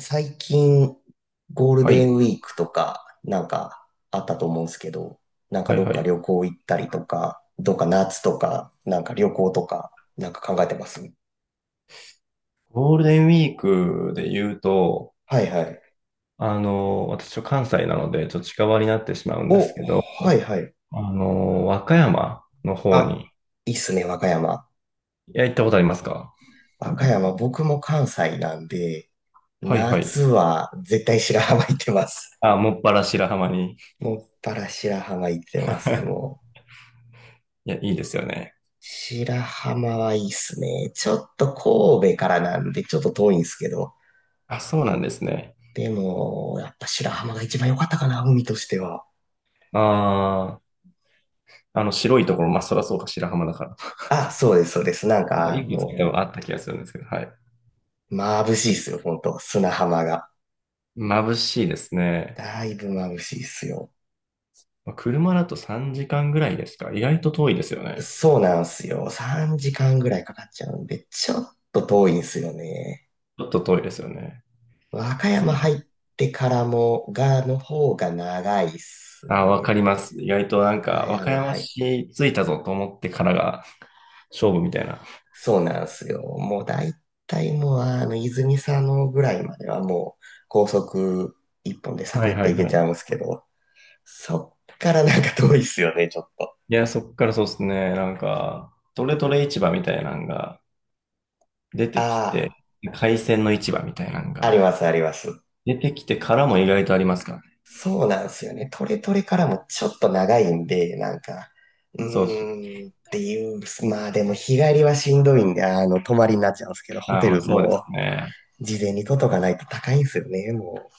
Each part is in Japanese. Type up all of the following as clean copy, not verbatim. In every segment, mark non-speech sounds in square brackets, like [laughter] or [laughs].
最近、ゴールはデンい。ウィークとか、なんかあったと思うんですけど、なんかはいどっはかい。旅行行ったりとか、どっか夏とか、なんか旅行とか、なんか考えてます。ゴールデンウィークで言うと、はいはい。私は関西なので、ちょっと近場になってしまうんですお、けど、はいはい。和歌山の方あ、に、いいっすね、和歌山。いや、行ったことありますか？和歌山、僕も関西なんで、はいはい。夏は絶対白浜行ってます。あ、もっぱら白浜に。[laughs] もっぱら白浜行ってます、[laughs] もう。いや、いいですよね。白浜はいいっすね。ちょっと神戸からなんで、ちょっと遠いんですけど。あ、そうなんですね。でも、やっぱ白浜が一番良かったかな、海としては。ああ、白いところ、まあ、そらそうか、白浜だから。あ、そうです、そうです。なんなんか、かいくつか多分あった気がするんですけど、はい。眩しいっすよ、本当砂浜が。眩しいですね。だいぶ眩しいっすよ。まあ車だと3時間ぐらいですか？意外と遠いですよね。そうなんすよ。3時間ぐらいかかっちゃうんで、ちょっと遠いんすよね。ちょっと遠いですよね。和歌山そ入う。ってからも、が、の方が長いっすあ、わかね。ります。意外と和なん歌か、和歌山山入っ市着いたぞと思ってからが勝負みたいな。そうなんすよ。もう大体もう、泉佐野ぐらいまではもう、高速一本でサはクいッとはい行けはちゃい。うんすけど、そっからなんか遠いっすよね、ちょっと。いや、そっからそうですね。なんか、トレトレ市場みたいなのが出てきあて、海鮮の市場みたいなのあ、ありがますあります。出てきてからも意外とありますからね。そうなんですよね。トレトレからもちょっと長いんで、なんか、うそうそう。ーんっていう、まあでも日帰りはしんどいんで、泊まりになっちゃうんですけど、ホあ、テまあルそうですもね。事前に取っとかないと高いんですよね、もう。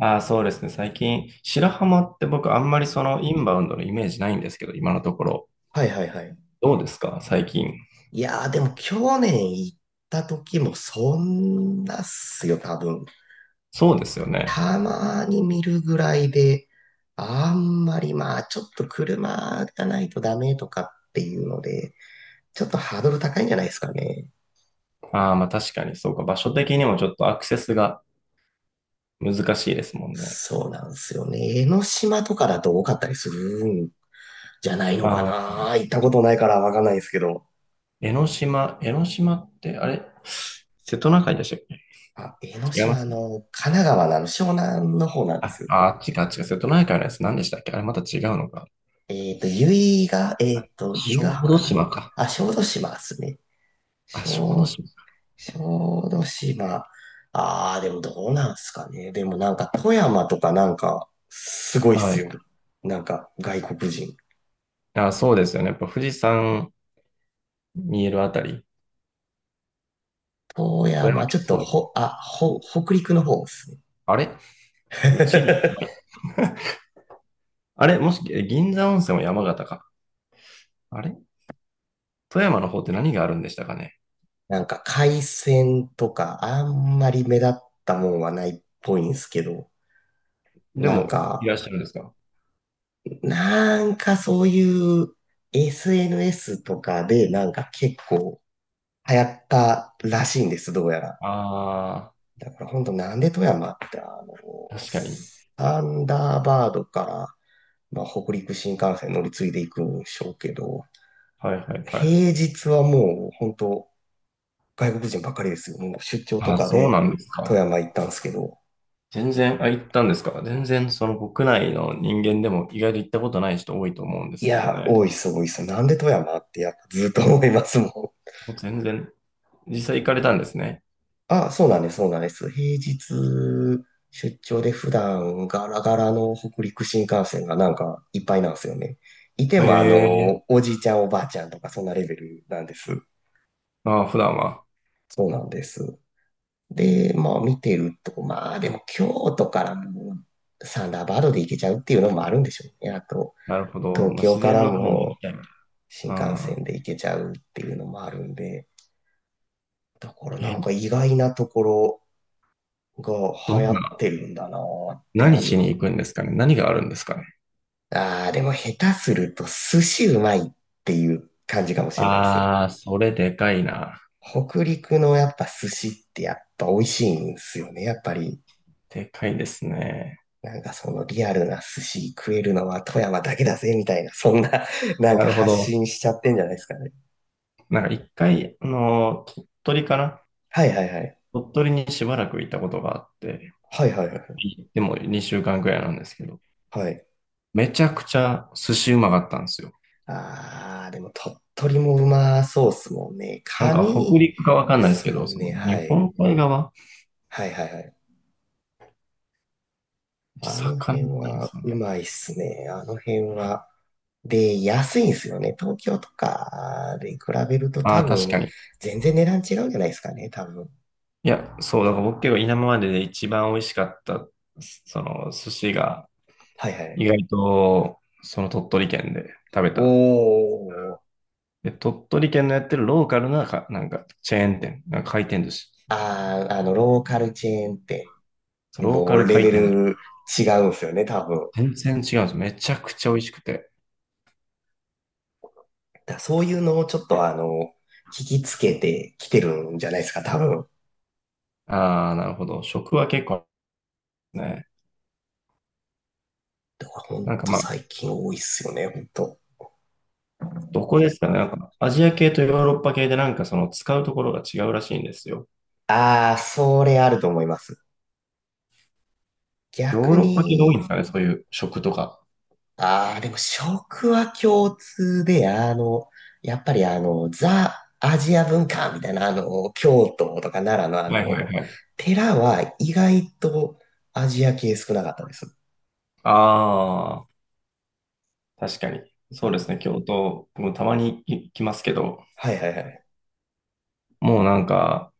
あ、そうですね。最近、白浜って僕あんまりそのインバウンドのイメージないんですけど、今のところ。はいはいはい。どうですか最近？いやーでも去年行った時もそんなっすよ、多分。そうですよね。たまに見るぐらいで、あんまりまあ、ちょっと車がないとダメとかっていうので、ちょっとハードル高いんじゃないですかね。ああ、まあ確かに、そうか。場所的にもちょっとアクセスが難しいですもんね。そうなんですよね。江ノ島とかだと多かったりするんじゃないのかああ、な。行ったことないからわかんないですけど。江ノ島、江ノ島って、あれ瀬戸内海でしたっけ？あ、江ノ違いま島すね。の、神奈川のあの湘南の方なんであ、す。あ、違う違う。瀬戸内海のやつ何でしたっけ？あれまた違うのか。あ、由比ヶ小浜だっ豆たか島な。か。あ、小豆島ですね。あ、小豆小島。小豆島。ああ、でもどうなんすかね。でもなんか富山とかなんかすごいっはすい。よ。なんか外国人。あ、そうですよね。やっぱ富士山見えるあたり。富富山山、ち県ょっそとうですよね。ほ、あ、ほ、北陸の方っすね。あれチリ。[laughs] あれもし、え銀座温泉は山形か。あれ富山の方って何があるんでしたかね？なんか海鮮とかあんまり目立ったもんはないっぽいんすけど。でなんも、いらっか、しゃるんですか？なんかそういう SNS とかでなんか結構流行ったらしいんです、どうやら。あだから本当なんで富山って、あー、確かに。サンダーバードから、まあ、北陸新幹線乗り継いでいくんでしょうけど、はいはいはい。平日はもう本当外国人ばっかりですよ。もう出張とあ、かそうでなんです富か。山行ったんですけど、全然、あ、行ったんですか？全然、その国内の人間でも意外と行ったことない人多いと思うんでいすけどや、ね。多いっす、多いっす。なんで富山ってやっぱずっと思いますもん。もう全然、実際行かれたんですね。あ、そうなんです、そうなんです。平日出張で普段ガラガラの北陸新幹線がなんかいっぱいなんですよね。いてえもえおじいちゃんおばあちゃんとかそんなレベルなんです。ーああ、普段は。そうなんです。で、まあ見てると、まあでも京都からもサンダーバードで行けちゃうっていうのもあるんでしょうね。あと、なるほど。東まあ、京自か然らの方も行きもたいな。新幹ああ、線で行けちゃうっていうのもあるんで、だからなえ、んか意外なところがど流ん行っな、てるんだなってい何う。しに行くんですかね？何があるんですかね？ああ、でも下手すると寿司うまいっていう感じかもしれないです。ああ、それでかいな。北陸のやっぱ寿司ってやっぱ美味しいんですよね。やっぱり、でかいですね。なんかそのリアルな寿司食えるのは富山だけだぜみたいな、そんな [laughs] なんなかるほ発ど。信しちゃってんじゃないですかね。なんか一回、鳥取かな？はいはいはい。鳥取にしばらくいたことがあって、はいはいはい。でも2週間くらいなんですけど、はい。めちゃくちゃ寿司うまかったんですよ。ああ、でも鳥取もうまそうっすもんね。なんカか北ニ陸かわかんでないですすけもど、んそね。の日はい。本海側、はいはいはい。あの魚辺ないんですはかうね？まいっすね。あの辺は。で、安いんですよね。東京とかで比べるとあ多あ、確分、かに。全然値段違うんじゃないですかね、多分。いや、そう、だから僕結構今までで一番美味しかった、その寿司が、はいは意い。外と、その鳥取県で食べた。おー。で、鳥取県のやってるローカルなか、なんかチェーン店、なんか回転寿司。ローカルチェーンって、そうローもカうルレ回ベ転寿司。ル違うんですよね、多分。全然違うんです。めちゃくちゃ美味しくて。だからそういうのをちょっと聞きつけてきてるんじゃないですか、多分。こああ、なるほど。食は結構ね。れほんなんかとまあ、最近多いっすよね、ほんと。どこですかねなんか、アジア系とヨーロッパ系でなんかその使うところが違うらしいんですよ。あー、それあると思います。ヨー逆ロッパ系が多いんでに、すかね？そういう食とか。ああ、でも食は共通で、やっぱりザ・アジア文化みたいな、京都とか奈良のはいはいはい。寺は意外とアジア系少なかったです。ああ、確かに。そあうでの、すね。京都、僕もたまに行きますけど、はいはいはい。もうなんか、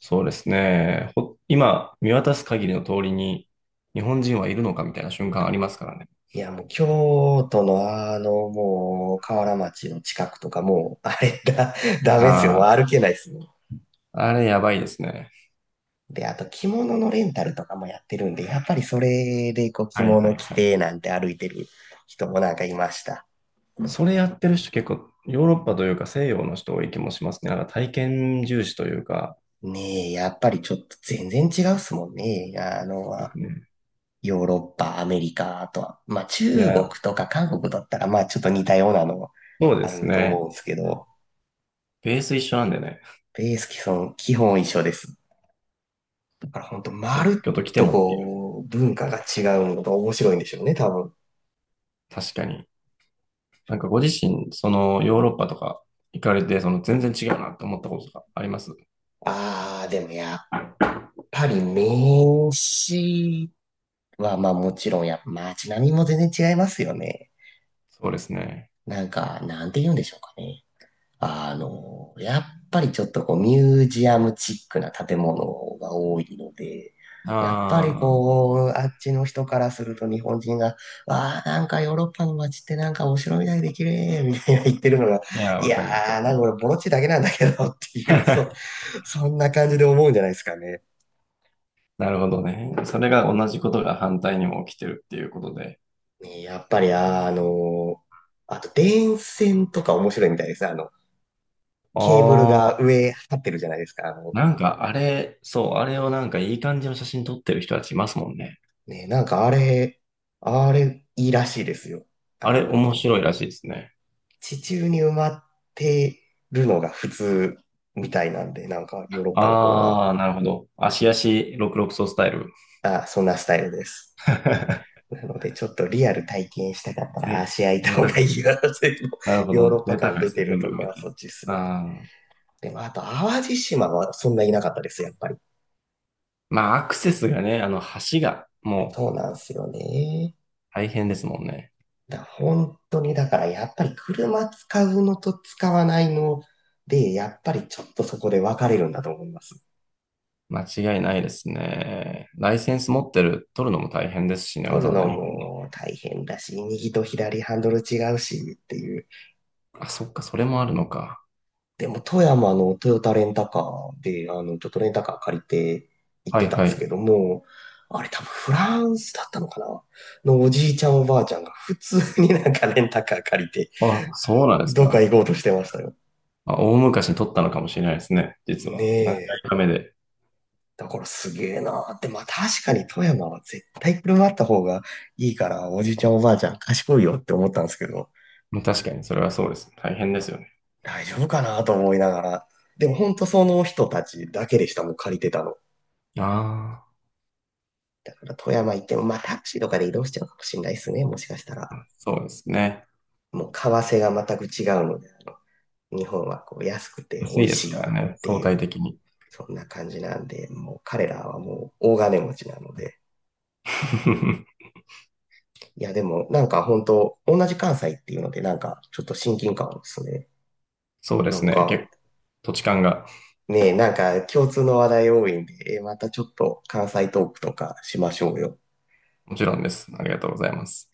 そうですね。今、見渡す限りの通りに、日本人はいるのかみたいな瞬間ありますからね。いや、もう京都のもう、河原町の近くとかもう、あれだ、[laughs] ダメですよ。あもうあ、歩けないですよ。あれやばいですね。で、あと着物のレンタルとかもやってるんで、やっぱりそれでこう着はいは物い着はい。てなんて歩いてる人もなんかいました。それやってる人結構、ヨーロッパというか西洋の人多い気もしますね。なんか体験重視というか、ねえ、やっぱりちょっと全然違うっすもんね。うん、ヨーロッパ、アメリカ、あとは、まあい中国や、とか韓国だったら、まあちょっと似たようなのそうであすると思ね。うんですけど、ベース一緒なんでね。ベース基本一緒です。だから本当まそう、るっ京都来てともっていう。こう、文化が違うのが面白いんでしょうね、多分。確かに。なんかご自身、そのヨーロッパとか行かれて、その全然違うなと思ったことがありますああ、でもやっぱり名詞は、まあもちろん街並みも全然違いますよね。そうですね。なんか、なんて言うんでしょうかね。やっぱりちょっとこうミュージアムチックな建物が多いので、やっぱりああ、こう、あっちの人からすると日本人が、わあ、なんかヨーロッパの街ってなんかお城みたいで綺麗みたいな言ってるのが、いや、いわやかります、わー、なかんりかま俺す。ボロチだけなんだけどっていう、そう、[laughs] そんな感じで思うんじゃないですかね。なるほどね。それが同じことが反対にも起きてるっていうことで。ねやっぱり、ー、あと電線とか面白いみたいですね。ケーブルあがあ、上張ってるじゃないですか。なんかあれ、そう、あれをなんかいい感じの写真撮ってる人たちいますもんね。ね、なんかあれいいらしいですよ。ああれ面の、白いらしいですね。地中に埋まってるのが普通みたいなんで、なんかヨーロッパの方は、ああ、なるほど。足足66ソスタイル。あ、そんなスタイルです。[laughs] なので、ちょっとリアル体験したかったらぜ、足開いた贅方が沢いでいすね。よ。[laughs] 全部なるほヨーロッど。パ贅感沢で出すてね。る全部と埋こめて。はそっちっすよね。あー、でも、あと、淡路島はそんないなかったです、やっぱり。まあ、アクセスがね、橋がもうそうなんすよね。大変ですもんね。本当にだからやっぱり車使うのと使わないので、やっぱりちょっとそこで分かれるんだと思います。間違いないですね。ライセンス持ってる、取るのも大変ですしね、わ取ざるわざの日も大変だし、右と左ハンドル違うしっていう。本。あ、そっか、それもあるのか。でも富山のトヨタレンタカーで、ちょっとレンタカー借りて行っはていたんではすけい。ども、あれ多分フランスだったのかなのおじいちゃんおばあちゃんが普通になんかレンタカー借りて、あ、そうなんですどっかか。行こうとしてましたよ。まあ、大昔に取ったのかもしれないですね、実ねは。何回え、か目で。だからすげえなーって、まあ確かに富山は絶対車あった方がいいから、おじいちゃんおばあちゃん賢いよって思ったんですけど、うん、確かに、それはそうですね。大変ですよね。大丈夫かなと思いながら、でも本当その人たちだけでした、もう借りてたの。あだから富山行っても、まあタクシーとかで移動しちゃうかもしれないですね、もしかしたら。あ、そうですね。もう為替が全く違うので、日本はこう安くて美安味いですしかいっらね、て相い対う、的に。そんな感じなんで、もう彼らはもう大金持ちなので、[laughs] いや、でも、なんか本当同じ関西っていうので、なんか、ちょっと親近感ですね。そうでなすんね。か、土地勘が。ねえ、なんか共通の話題多いんで、またちょっと関西トークとかしましょうよ。もちろんです。ありがとうございます。